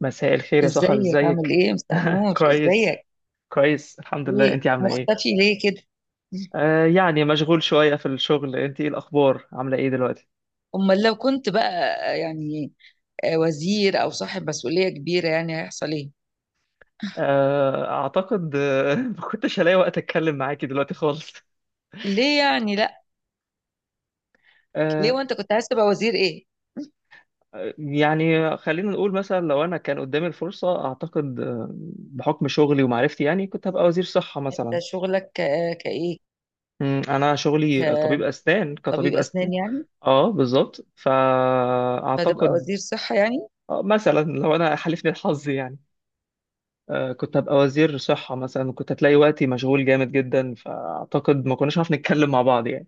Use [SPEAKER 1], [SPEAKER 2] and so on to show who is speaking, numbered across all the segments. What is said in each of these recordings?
[SPEAKER 1] مساء الخير يا سحر،
[SPEAKER 2] ازيك؟ عامل
[SPEAKER 1] ازيك؟
[SPEAKER 2] ايه يا مستر نور؟
[SPEAKER 1] كويس،
[SPEAKER 2] ازيك؟
[SPEAKER 1] كويس الحمد لله.
[SPEAKER 2] ايه،
[SPEAKER 1] انتي عامله ايه؟
[SPEAKER 2] مختفي ليه كده؟
[SPEAKER 1] مشغول شويه في الشغل. انتي ايه الاخبار، عامله ايه دلوقتي؟
[SPEAKER 2] امال لو كنت بقى، يعني وزير او صاحب مسؤولية كبيرة، يعني هيحصل ايه؟
[SPEAKER 1] آه اعتقد ما كنتش هلاقي وقت اتكلم معاكي دلوقتي خالص.
[SPEAKER 2] ليه يعني؟ لا. ليه؟
[SPEAKER 1] آه
[SPEAKER 2] وانت كنت عايز تبقى وزير ايه؟
[SPEAKER 1] خلينا نقول مثلا لو انا كان قدامي الفرصه اعتقد بحكم شغلي ومعرفتي يعني كنت هبقى وزير صحه مثلا.
[SPEAKER 2] انت شغلك كايه؟
[SPEAKER 1] انا شغلي طبيب اسنان،
[SPEAKER 2] كطبيب
[SPEAKER 1] كطبيب اسنان.
[SPEAKER 2] اسنان يعني؟
[SPEAKER 1] اه بالظبط،
[SPEAKER 2] فتبقى
[SPEAKER 1] فاعتقد
[SPEAKER 2] وزير صحة يعني؟
[SPEAKER 1] مثلا لو انا حالفني الحظ يعني كنت هبقى وزير صحة مثلا، وكنت هتلاقي وقتي مشغول جامد جدا، فأعتقد ما كناش هنعرف نتكلم مع بعض يعني.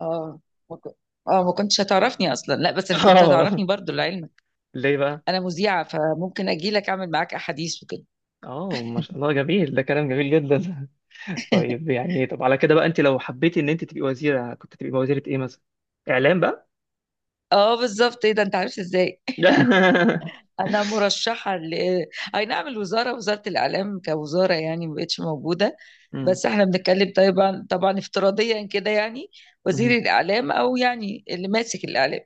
[SPEAKER 2] اه، ما كن- اه، ما كنتش هتعرفني اصلا، لا بس كنت
[SPEAKER 1] اه.
[SPEAKER 2] هتعرفني برضو لعلمك.
[SPEAKER 1] ليه بقى؟
[SPEAKER 2] انا مذيعة، فممكن اجي لك اعمل معاك احاديث وكده.
[SPEAKER 1] اه ما شاء الله، جميل، ده كلام جميل جدا. طيب يعني ايه، طب على كده بقى انت لو حبيتي ان انت تبقي وزيرة كنت تبقي وزيرة ايه مثلا؟ اعلام بقى؟
[SPEAKER 2] اه، بالظبط، ايه ده، انت عارف ازاي؟ انا مرشحه ل- اي نعم، الوزاره، وزاره الاعلام كوزاره يعني ما بقتش موجوده.
[SPEAKER 1] مم.
[SPEAKER 2] بس احنا بنتكلم طبعا طبعا افتراضيا كده يعني. وزير
[SPEAKER 1] مم.
[SPEAKER 2] الاعلام، او يعني اللي ماسك الاعلام.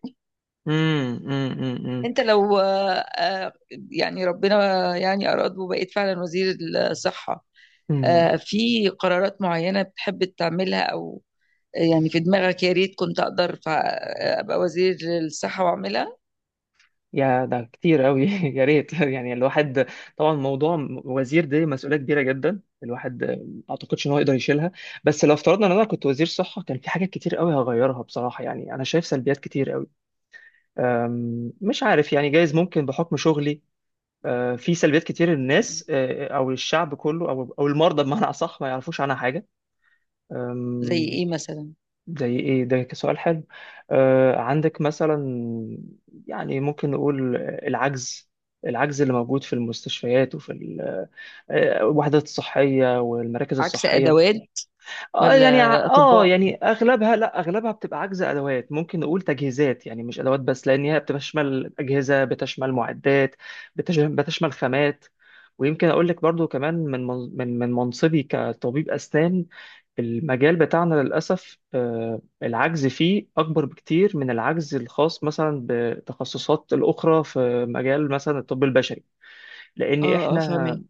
[SPEAKER 1] مم. مم. مم.
[SPEAKER 2] انت لو يعني ربنا يعني اراد وبقيت فعلا وزير الصحه،
[SPEAKER 1] مم.
[SPEAKER 2] في قرارات معينه بتحب تعملها، او يعني في دماغك، يا ريت كنت اقدر ابقى وزير الصحه واعملها.
[SPEAKER 1] يا ده كتير قوي. يا ريت يعني الواحد، طبعا موضوع وزير دي مسؤولية كبيرة جدا، الواحد ما اعتقدش ان هو يقدر يشيلها. بس لو افترضنا ان انا كنت وزير صحة كان في حاجات كتير قوي هغيرها بصراحة، يعني انا شايف سلبيات كتير قوي. مش عارف يعني، جايز ممكن بحكم شغلي في سلبيات كتير الناس او الشعب كله او المرضى بمعنى اصح ما يعرفوش عنها حاجة.
[SPEAKER 2] زي ايه مثلا؟
[SPEAKER 1] زي ايه ده، كسؤال حلو. آه عندك مثلا، يعني ممكن نقول العجز، العجز اللي موجود في المستشفيات وفي الوحدات الصحية والمراكز
[SPEAKER 2] عكس
[SPEAKER 1] الصحية.
[SPEAKER 2] ادوات،
[SPEAKER 1] اه
[SPEAKER 2] ولا
[SPEAKER 1] يعني
[SPEAKER 2] اطباء؟
[SPEAKER 1] اغلبها، لا اغلبها بتبقى عجز ادوات. ممكن نقول تجهيزات يعني مش ادوات بس، لان هي بتشمل اجهزة، بتشمل معدات، بتشمل خامات. ويمكن اقول لك برضو كمان من منصبي كطبيب اسنان، المجال بتاعنا للأسف العجز فيه أكبر بكتير من العجز الخاص مثلا بتخصصات الأخرى في مجال مثلا الطب البشري. لأن
[SPEAKER 2] اه، اه، فاهمة.
[SPEAKER 1] إحنا،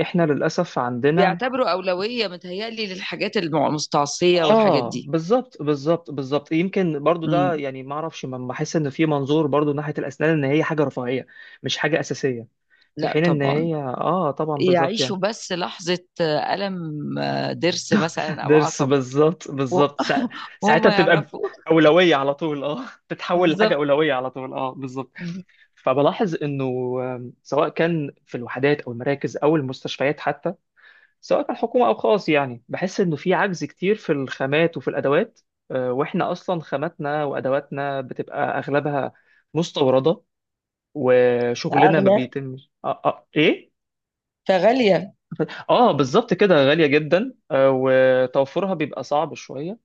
[SPEAKER 1] إحنا للأسف عندنا.
[SPEAKER 2] بيعتبروا أولوية متهيألي للحاجات المستعصية والحاجات
[SPEAKER 1] آه
[SPEAKER 2] دي.
[SPEAKER 1] بالظبط بالظبط. يمكن برضو
[SPEAKER 2] امم.
[SPEAKER 1] ده يعني ما أعرفش، ما بحس إن في منظور برضو ناحية الأسنان إن هي حاجة رفاهية، مش حاجة أساسية. في
[SPEAKER 2] لا
[SPEAKER 1] حين إن
[SPEAKER 2] طبعا.
[SPEAKER 1] هي آه طبعا بالظبط
[SPEAKER 2] يعيشوا
[SPEAKER 1] يعني.
[SPEAKER 2] بس لحظة ألم، ضرس مثلا أو
[SPEAKER 1] درس،
[SPEAKER 2] عصب.
[SPEAKER 1] بالظبط
[SPEAKER 2] و-
[SPEAKER 1] بالظبط،
[SPEAKER 2] وهم
[SPEAKER 1] ساعتها بتبقى
[SPEAKER 2] يعرفوا.
[SPEAKER 1] أولوية على طول آه، تتحول لحاجة
[SPEAKER 2] بالظبط.
[SPEAKER 1] أولوية على طول آه بالظبط.
[SPEAKER 2] مم.
[SPEAKER 1] فبلاحظ انه سواء كان في الوحدات او المراكز او المستشفيات حتى، سواء كان حكومه او خاص، يعني بحس انه في عجز كتير في الخامات وفي الادوات. واحنا اصلا خاماتنا وادواتنا بتبقى اغلبها مستورده، وشغلنا ما
[SPEAKER 2] أغلى.
[SPEAKER 1] بيتمش ايه.
[SPEAKER 2] فغالية.
[SPEAKER 1] اه بالظبط كده، غاليه جدا. وتوفرها بيبقى صعب شويه.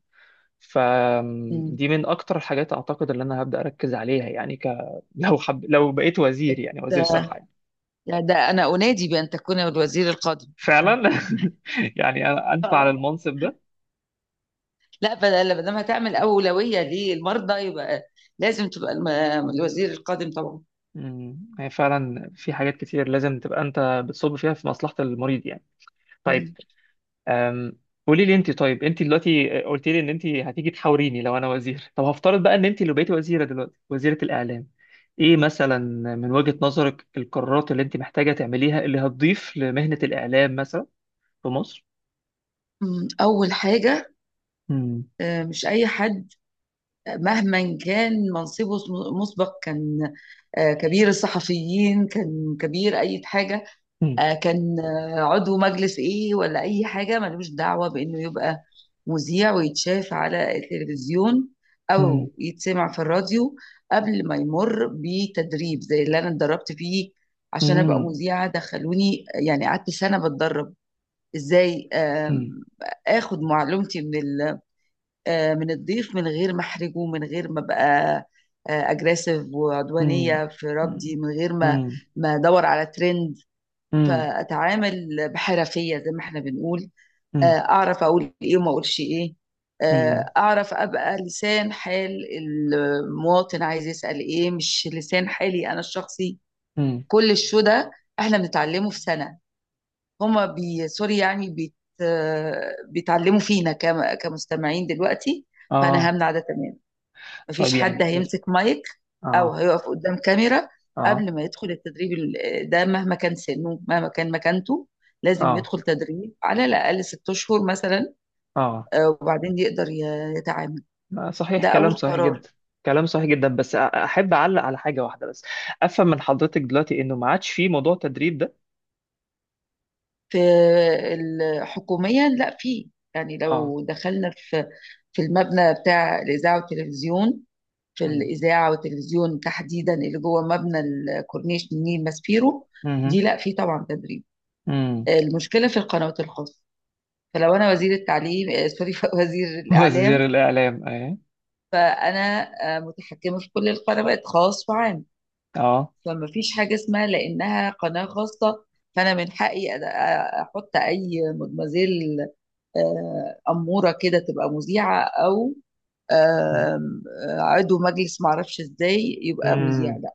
[SPEAKER 2] مم.
[SPEAKER 1] فدي من اكتر الحاجات اعتقد اللي انا هبدا اركز عليها، يعني لو بقيت وزير، يعني وزير
[SPEAKER 2] ده
[SPEAKER 1] صحه يعني.
[SPEAKER 2] ده ده أنا أنادي بأن تكون الوزير القادم.
[SPEAKER 1] فعلا. يعني أنا أنت على
[SPEAKER 2] آه.
[SPEAKER 1] المنصب ده.
[SPEAKER 2] لا، بدل ما دام هتعمل أولوية للمرضى يبقى لازم تبقى الوزير القادم طبعا.
[SPEAKER 1] مم. هي فعلا في حاجات كتير لازم تبقى أنت بتصب فيها في مصلحة المريض يعني. طيب.
[SPEAKER 2] مم.
[SPEAKER 1] أم، قولي لي أنت، طيب أنت دلوقتي قلت لي إن أنت هتيجي تحاوريني لو أنا وزير. طب هفترض بقى إن أنت اللي بقيتي وزيرة دلوقتي، وزيرة الإعلام، إيه مثلا من وجهة نظرك القرارات اللي أنت محتاجة تعمليها اللي هتضيف لمهنة الإعلام مثلا في مصر؟
[SPEAKER 2] مم. أول حاجة:
[SPEAKER 1] مم.
[SPEAKER 2] مش أي حد مهما كان منصبه، مسبق كان كبير الصحفيين، كان كبير أي حاجة،
[SPEAKER 1] مم.
[SPEAKER 2] كان عضو مجلس إيه ولا أي حاجة، ملوش دعوة بإنه يبقى مذيع ويتشاف على التلفزيون
[SPEAKER 1] مم.
[SPEAKER 2] أو يتسمع في الراديو، قبل ما يمر بتدريب زي اللي أنا اتدربت فيه عشان أبقى
[SPEAKER 1] مم.
[SPEAKER 2] مذيعة. دخلوني، يعني قعدت سنة بتدرب إزاي
[SPEAKER 1] مم.
[SPEAKER 2] آخد معلومتي من ال آه، من الضيف، من غير ما احرجه، من غير ما ابقى اجريسيف
[SPEAKER 1] مم.
[SPEAKER 2] وعدوانيه في
[SPEAKER 1] مم.
[SPEAKER 2] ردي، من غير ما ادور على ترند.
[SPEAKER 1] مم.
[SPEAKER 2] فاتعامل بحرفيه، زي ما احنا بنقول،
[SPEAKER 1] مم.
[SPEAKER 2] اعرف اقول ايه وما اقولش ايه،
[SPEAKER 1] امم.
[SPEAKER 2] اعرف ابقى لسان حال المواطن، عايز يسال ايه، مش لسان حالي انا الشخصي.
[SPEAKER 1] امم.
[SPEAKER 2] كل الشو ده احنا بنتعلمه في سنه. هما، بي سوري يعني، بيتعلموا فينا كمستمعين دلوقتي. فانا
[SPEAKER 1] اه.
[SPEAKER 2] همنع ده تماما. مفيش
[SPEAKER 1] طيب يعني
[SPEAKER 2] حد
[SPEAKER 1] ايه.
[SPEAKER 2] هيمسك مايك او
[SPEAKER 1] اه.
[SPEAKER 2] هيقف قدام كاميرا
[SPEAKER 1] اه.
[SPEAKER 2] قبل ما يدخل التدريب ده، مهما كان سنه، مهما كان مكانته. لازم
[SPEAKER 1] اه.
[SPEAKER 2] يدخل تدريب على الاقل 6 اشهر مثلا،
[SPEAKER 1] اه.
[SPEAKER 2] وبعدين يقدر يتعامل.
[SPEAKER 1] ما صحيح،
[SPEAKER 2] ده اول
[SPEAKER 1] كلام صحيح
[SPEAKER 2] قرار.
[SPEAKER 1] جدا. كلام صحيح جدا، بس احب اعلق على حاجه واحده بس. افهم من حضرتك دلوقتي انه ما عادش في موضوع تدريب ده؟
[SPEAKER 2] في حكوميا لا، في، يعني
[SPEAKER 1] اه.
[SPEAKER 2] لو دخلنا في المبنى بتاع الاذاعه والتلفزيون، في
[SPEAKER 1] امم.
[SPEAKER 2] الاذاعه والتلفزيون تحديدا، اللي جوه مبنى الكورنيش من نيل ماسبيرو، دي
[SPEAKER 1] امم.
[SPEAKER 2] لا، في طبعا تدريب.
[SPEAKER 1] امم.
[SPEAKER 2] المشكله في القنوات الخاصه. فلو انا وزير التعليم، سوري وزير
[SPEAKER 1] وزير
[SPEAKER 2] الاعلام،
[SPEAKER 1] الاعلام ايه.
[SPEAKER 2] فانا متحكمه في كل القنوات، خاص وعام.
[SPEAKER 1] اه.
[SPEAKER 2] فما فيش حاجه اسمها لانها قناه خاصه، فانا من حقي احط اي مدمزيل اموره كده تبقى مذيعه، او
[SPEAKER 1] امم.
[SPEAKER 2] آم، آه، عضو مجلس معرفش ازاي يبقى مذيع،
[SPEAKER 1] أمم.
[SPEAKER 2] لا.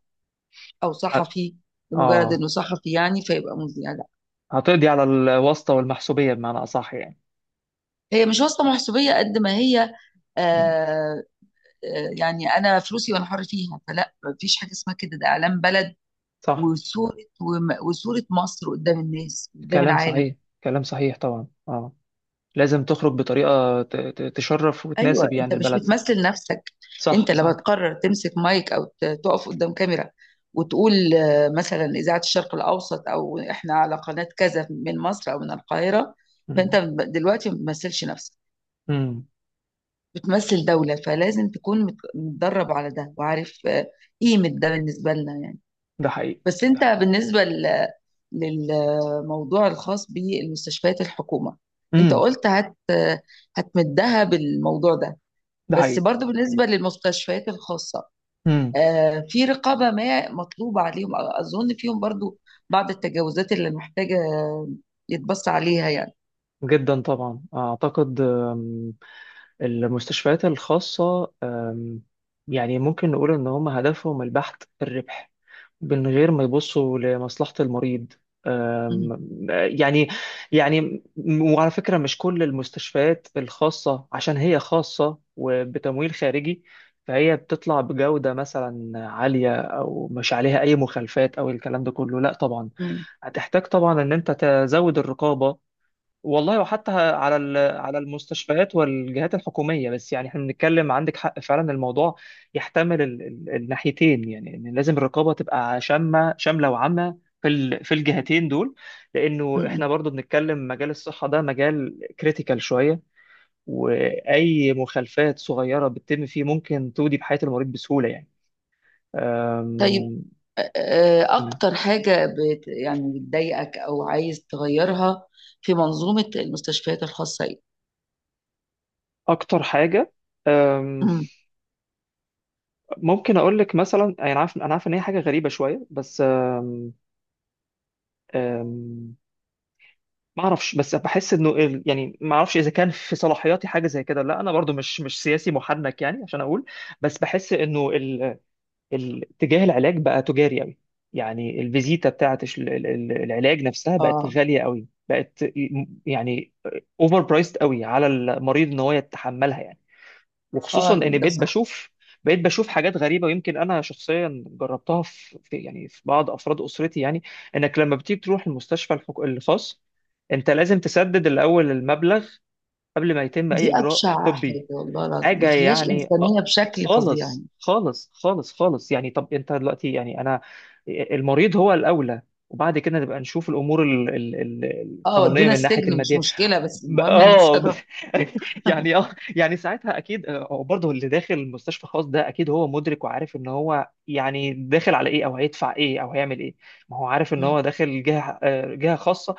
[SPEAKER 2] او
[SPEAKER 1] ه-
[SPEAKER 2] صحفي، لمجرد
[SPEAKER 1] اه.
[SPEAKER 2] انه صحفي يعني فيبقى مذيع، لا.
[SPEAKER 1] هتقضي على الواسطه والمحسوبيه بمعنى اصح يعني.
[SPEAKER 2] هي مش واسطه محسوبيه قد ما هي،
[SPEAKER 1] أمم.
[SPEAKER 2] آه، يعني انا فلوسي وانا حر فيها، فلا، مفيش حاجه اسمها كده، ده اعلام بلد
[SPEAKER 1] صح.
[SPEAKER 2] وصوره، وصوره مصر قدام الناس، قدام
[SPEAKER 1] كلام
[SPEAKER 2] العالم.
[SPEAKER 1] صحيح. كلام صحيح طبعا. اه، لازم تخرج بطريقة تشرف
[SPEAKER 2] ايوه،
[SPEAKER 1] وتناسب
[SPEAKER 2] انت
[SPEAKER 1] يعني
[SPEAKER 2] مش
[SPEAKER 1] البلد، صح.
[SPEAKER 2] بتمثل نفسك.
[SPEAKER 1] صح،
[SPEAKER 2] انت
[SPEAKER 1] صح.
[SPEAKER 2] لما تقرر تمسك مايك او تقف قدام كاميرا وتقول مثلا اذاعه الشرق الاوسط، او احنا على قناه كذا من مصر او من القاهره، فانت
[SPEAKER 1] مم.
[SPEAKER 2] دلوقتي ما بتمثلش نفسك،
[SPEAKER 1] مم.
[SPEAKER 2] بتمثل دوله. فلازم تكون متدرب على ده، وعارف قيمه ده بالنسبه لنا يعني.
[SPEAKER 1] ده حقيقي.
[SPEAKER 2] بس
[SPEAKER 1] ده
[SPEAKER 2] انت
[SPEAKER 1] حقيقي.
[SPEAKER 2] بالنسبه للموضوع الخاص بالمستشفيات الحكومه، انت
[SPEAKER 1] مم.
[SPEAKER 2] قلت هتمدها بالموضوع ده.
[SPEAKER 1] ده
[SPEAKER 2] بس
[SPEAKER 1] حقيقي.
[SPEAKER 2] برضو بالنسبه للمستشفيات الخاصه،
[SPEAKER 1] مم.
[SPEAKER 2] في رقابه ما مطلوبه عليهم، اظن فيهم برضو بعض التجاوزات اللي محتاجه يتبص عليها يعني.
[SPEAKER 1] جدا طبعا، أعتقد المستشفيات الخاصة يعني ممكن نقول إن هم هدفهم البحث في الربح من غير ما يبصوا لمصلحة المريض.
[SPEAKER 2] مم.
[SPEAKER 1] يعني، يعني وعلى فكرة مش كل المستشفيات الخاصة عشان هي خاصة وبتمويل خارجي فهي بتطلع بجودة مثلا عالية، أو مش عليها أي مخالفات أو الكلام ده كله، لا طبعا.
[SPEAKER 2] مم.
[SPEAKER 1] هتحتاج طبعا إن أنت تزود الرقابة والله، وحتى على على المستشفيات والجهات الحكوميه. بس يعني احنا بنتكلم، عندك حق فعلا الموضوع يحتمل الناحيتين، يعني إن لازم الرقابه تبقى شامله وعامه في في الجهتين دول. لانه احنا
[SPEAKER 2] مم.
[SPEAKER 1] برضو بنتكلم مجال الصحه، ده مجال كريتيكال شويه، واي مخالفات صغيره بتتم فيه ممكن تودي بحياه المريض بسهوله يعني.
[SPEAKER 2] طيب،
[SPEAKER 1] أم، أنا
[SPEAKER 2] اكتر حاجه يعني بتضايقك او عايز تغيرها في منظومه المستشفيات الخاصه ايه؟
[SPEAKER 1] اكتر حاجه أم،
[SPEAKER 2] مم.
[SPEAKER 1] ممكن اقول لك مثلا، انا عارف، انا عارف ان هي حاجه غريبه شويه بس أم، ما اعرفش، بس بحس انه يعني ما اعرفش اذا كان في صلاحياتي حاجه زي كده، لا انا برضو مش سياسي محنك يعني عشان اقول. بس بحس انه اتجاه العلاج بقى تجاري قوي، يعني الفيزيتا بتاعت العلاج نفسها بقت
[SPEAKER 2] اه،
[SPEAKER 1] غاليه قوي، بقت يعني اوفر برايسد قوي على المريض ان هو يتحملها يعني. وخصوصا
[SPEAKER 2] اه،
[SPEAKER 1] ان
[SPEAKER 2] ده
[SPEAKER 1] بقيت
[SPEAKER 2] صح.
[SPEAKER 1] بشوف، بقيت بشوف حاجات غريبه، ويمكن انا شخصيا جربتها يعني في بعض افراد اسرتي يعني. انك لما بتيجي تروح المستشفى الخاص، انت لازم تسدد الاول المبلغ قبل ما يتم اي
[SPEAKER 2] دي
[SPEAKER 1] اجراء
[SPEAKER 2] ابشع
[SPEAKER 1] طبي.
[SPEAKER 2] حاجه، والله العظيم ما
[SPEAKER 1] حاجه
[SPEAKER 2] فيهاش
[SPEAKER 1] يعني
[SPEAKER 2] انسانيه بشكل فظيع
[SPEAKER 1] خالص
[SPEAKER 2] يعني.
[SPEAKER 1] خالص يعني. طب انت دلوقتي يعني انا، المريض هو الاولى، وبعد كده نبقى نشوف الامور
[SPEAKER 2] اه،
[SPEAKER 1] القانونيه
[SPEAKER 2] ودونا
[SPEAKER 1] من ناحيه
[SPEAKER 2] السجن مش
[SPEAKER 1] الماديه.
[SPEAKER 2] مشكله، بس
[SPEAKER 1] ب-
[SPEAKER 2] المهم
[SPEAKER 1] اه ب-
[SPEAKER 2] نتصرف.
[SPEAKER 1] يعني اه. يعني ساعتها اكيد هو برضه اللي داخل مستشفى خاص ده اكيد هو مدرك وعارف ان هو يعني داخل على ايه او هيدفع ايه او هيعمل ايه. ما هو عارف ان
[SPEAKER 2] مم.
[SPEAKER 1] هو داخل جهه جهه خاصه،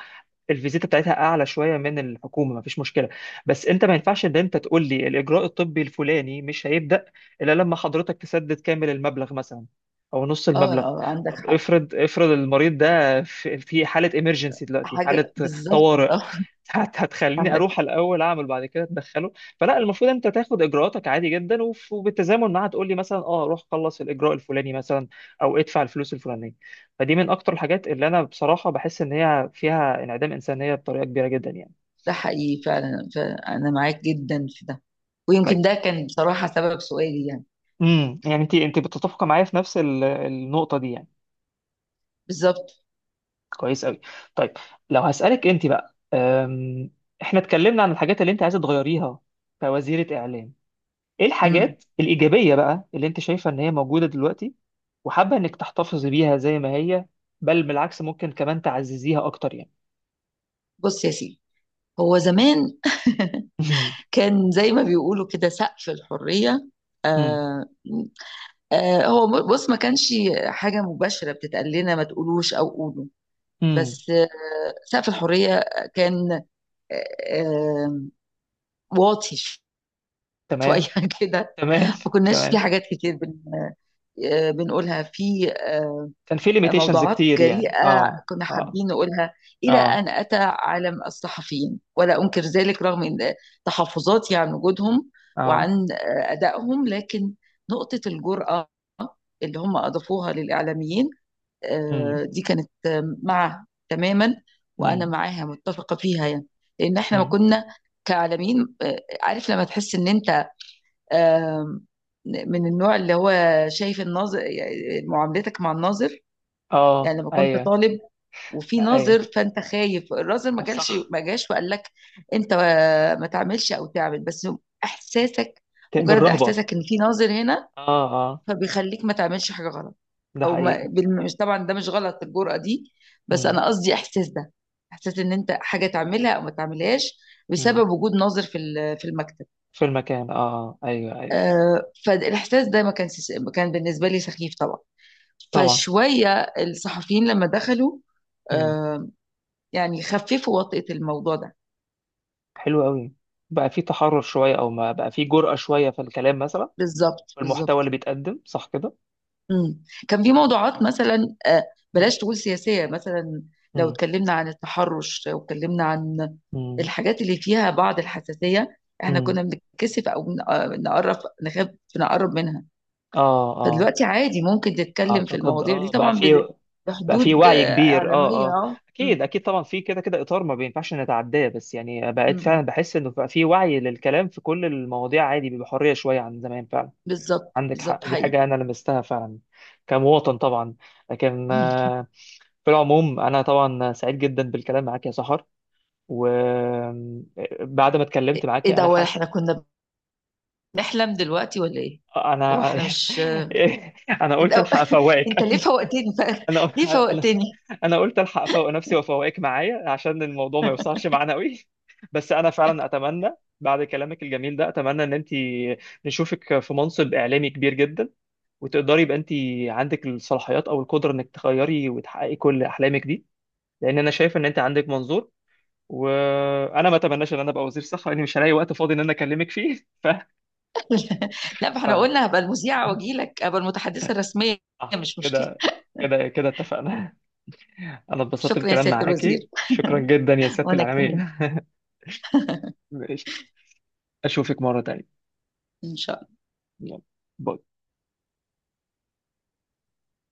[SPEAKER 1] الفيزيتا بتاعتها اعلى شويه من الحكومه، ما فيش مشكله. بس انت ما ينفعش ان انت تقول لي الاجراء الطبي الفلاني مش هيبدا الا لما حضرتك تسدد كامل المبلغ مثلا او نص
[SPEAKER 2] اه،
[SPEAKER 1] المبلغ.
[SPEAKER 2] اه، عندك
[SPEAKER 1] طب
[SPEAKER 2] حق.
[SPEAKER 1] افرض، افرض المريض ده في في حاله ايمرجنسي دلوقتي، حاله
[SPEAKER 2] حاجه بالظبط،
[SPEAKER 1] طوارئ،
[SPEAKER 2] اه،
[SPEAKER 1] هتخليني
[SPEAKER 2] عندك.
[SPEAKER 1] اروح الاول اعمل بعد كده تدخله؟ فلا، المفروض انت تاخد اجراءاتك عادي جدا، وبالتزامن معاها تقول لي مثلا اه روح خلص الاجراء الفلاني مثلا او ادفع الفلوس الفلانيه. فدي من اكتر الحاجات اللي انا بصراحه بحس ان هي فيها انعدام انسانيه بطريقه كبيره جدا يعني.
[SPEAKER 2] ده حقيقي فعلا، فانا معاك جدا في ده، ويمكن
[SPEAKER 1] طيب.
[SPEAKER 2] ده كان بصراحه سبب سؤالي يعني.
[SPEAKER 1] امم، يعني انت، انت بتتفق معايا في نفس النقطه دي يعني.
[SPEAKER 2] بالظبط.
[SPEAKER 1] كويس قوي. طيب. لو هسالك انت بقى، احنا اتكلمنا عن الحاجات اللي انت عايزه تغيريها كوزيره اعلام، ايه
[SPEAKER 2] مم.
[SPEAKER 1] الحاجات الايجابيه بقى اللي انت شايفه ان هي موجوده دلوقتي وحابه انك تحتفظي بيها زي ما هي، بل بالعكس ممكن كمان تعززيها اكتر يعني.
[SPEAKER 2] بص يا سيدي، هو زمان كان زي ما بيقولوا كده سقف الحريه،
[SPEAKER 1] مم.
[SPEAKER 2] آه هو بص، ما كانش حاجة مباشرة بتتقال لنا: ما تقولوش أو قولوا،
[SPEAKER 1] مم.
[SPEAKER 2] بس سقف الحرية كان آه، آه، واطي شوية
[SPEAKER 1] تمام.
[SPEAKER 2] كده.
[SPEAKER 1] تمام.
[SPEAKER 2] ما كناش في
[SPEAKER 1] تمام.
[SPEAKER 2] حاجات كتير بنقولها في
[SPEAKER 1] كان في ليميتيشنز
[SPEAKER 2] موضوعات
[SPEAKER 1] كتير يعني،
[SPEAKER 2] جريئة
[SPEAKER 1] اه.
[SPEAKER 2] كنا
[SPEAKER 1] اه.
[SPEAKER 2] حابين نقولها، إلى
[SPEAKER 1] اه.
[SPEAKER 2] أن أتى عالم الصحفيين، ولا أنكر ذلك رغم إن تحفظاتي عن وجودهم
[SPEAKER 1] اه.
[SPEAKER 2] وعن أدائهم، لكن نقطة الجرأة اللي هم أضافوها للإعلاميين
[SPEAKER 1] مم.
[SPEAKER 2] دي كانت معها تماما، وانا
[SPEAKER 1] مم.
[SPEAKER 2] معاها متفقه فيها يعني. لان احنا ما
[SPEAKER 1] مم.
[SPEAKER 2] كنا كعالمين، عارف لما تحس ان انت آه، من النوع اللي هو شايف الناظر، يعني معاملتك مع الناظر،
[SPEAKER 1] اه
[SPEAKER 2] يعني لما كنت
[SPEAKER 1] ايوه
[SPEAKER 2] طالب وفي
[SPEAKER 1] ايوه.
[SPEAKER 2] ناظر، فانت خايف الناظر
[SPEAKER 1] صح.
[SPEAKER 2] ما جاش وقال لك انت ما تعملش او تعمل، بس احساسك، مجرد
[SPEAKER 1] بالرهبه.
[SPEAKER 2] احساسك ان في ناظر هنا
[SPEAKER 1] اه. اه.
[SPEAKER 2] فبيخليك ما تعملش حاجة غلط،
[SPEAKER 1] ده
[SPEAKER 2] او ما
[SPEAKER 1] حقيقي.
[SPEAKER 2] بالم- مش، طبعا ده مش غلط الجرأة دي، بس
[SPEAKER 1] مم.
[SPEAKER 2] انا قصدي احساس ده، احساس ان انت حاجة تعملها او ما تعملهاش
[SPEAKER 1] مم.
[SPEAKER 2] بسبب وجود ناظر في المكتب.
[SPEAKER 1] في المكان اه آه. ايوه ايوه ايوه.
[SPEAKER 2] فالاحساس ده ما كان كان بالنسبة لي سخيف طبعا.
[SPEAKER 1] طبعا.
[SPEAKER 2] فشوية الصحفيين لما دخلوا آه، يعني خففوا وطئة الموضوع ده.
[SPEAKER 1] حلو قوي. بقى في تحرر شويه، او ما بقى في جرأة شويه في الكلام مثلا
[SPEAKER 2] بالظبط،
[SPEAKER 1] والمحتوى
[SPEAKER 2] بالظبط.
[SPEAKER 1] اللي بيتقدم، صح كده.
[SPEAKER 2] امم. كان في موضوعات مثلا،
[SPEAKER 1] مم.
[SPEAKER 2] بلاش تقول سياسية مثلا، لو
[SPEAKER 1] مم.
[SPEAKER 2] اتكلمنا عن التحرش، لو اتكلمنا عن
[SPEAKER 1] مم.
[SPEAKER 2] الحاجات اللي فيها بعض الحساسية، احنا
[SPEAKER 1] مم.
[SPEAKER 2] كنا بنتكسف او نقرب، نخاف نقرب منها.
[SPEAKER 1] اه. اه.
[SPEAKER 2] فدلوقتي عادي ممكن تتكلم في
[SPEAKER 1] اعتقد
[SPEAKER 2] المواضيع دي،
[SPEAKER 1] اه بقى
[SPEAKER 2] طبعا
[SPEAKER 1] في، بقى في
[SPEAKER 2] بحدود
[SPEAKER 1] وعي كبير
[SPEAKER 2] إعلامية
[SPEAKER 1] اه اه. اكيد اكيد طبعا، في كده كده اطار ما بينفعش نتعداه، بس يعني بقيت
[SPEAKER 2] أمم.
[SPEAKER 1] فعلا بحس انه بقى في وعي للكلام في كل المواضيع عادي بحريه شويه عن زمان فعلا.
[SPEAKER 2] بالظبط،
[SPEAKER 1] عندك
[SPEAKER 2] بالظبط،
[SPEAKER 1] حق، دي
[SPEAKER 2] حقيقي.
[SPEAKER 1] حاجه انا لمستها فعلا كمواطن طبعا. لكن
[SPEAKER 2] أمم.
[SPEAKER 1] في العموم انا طبعا سعيد جدا بالكلام معاك يا سحر. وبعد ما اتكلمت
[SPEAKER 2] ايه
[SPEAKER 1] معاكي
[SPEAKER 2] ده؟
[SPEAKER 1] انا
[SPEAKER 2] واحنا
[SPEAKER 1] حاسس،
[SPEAKER 2] كنا بنحلم دلوقتي ولا ايه؟ هو
[SPEAKER 1] انا.
[SPEAKER 2] احنا مش
[SPEAKER 1] انا
[SPEAKER 2] إيه
[SPEAKER 1] قلت
[SPEAKER 2] ده؟
[SPEAKER 1] الحق افوقك.
[SPEAKER 2] انت ليه فوقتني بقى؟
[SPEAKER 1] انا
[SPEAKER 2] ليه
[SPEAKER 1] انا
[SPEAKER 2] فوقتني؟
[SPEAKER 1] انا قلت الحق افوق نفسي وافوقك معايا عشان الموضوع ما يوصلش معانا قوي. بس انا فعلا اتمنى بعد كلامك الجميل ده، اتمنى ان انت، نشوفك في منصب اعلامي كبير جدا، وتقدري يبقى انت عندك الصلاحيات او القدره انك تغيري وتحققي كل احلامك دي، لان انا شايف ان انت عندك منظور. وانا ما اتمناش ان انا ابقى وزير صحه لاني مش هلاقي وقت فاضي ان انا اكلمك فيه.
[SPEAKER 2] لا، ما
[SPEAKER 1] ف،
[SPEAKER 2] احنا قلنا هبقى المذيعة واجي لك، هبقى المتحدثة الرسمية.
[SPEAKER 1] صح
[SPEAKER 2] مش مشكلة.
[SPEAKER 1] كده، كده اتفقنا. انا اتبسطت
[SPEAKER 2] شكرا يا
[SPEAKER 1] بالكلام
[SPEAKER 2] سيادة
[SPEAKER 1] معاكي،
[SPEAKER 2] الوزير.
[SPEAKER 1] شكرا جدا يا سيادة
[SPEAKER 2] وانا كمان.
[SPEAKER 1] الإعلامية. ماشي. اشوفك مرة تانية.
[SPEAKER 2] ان شاء الله.
[SPEAKER 1] يلا، باي.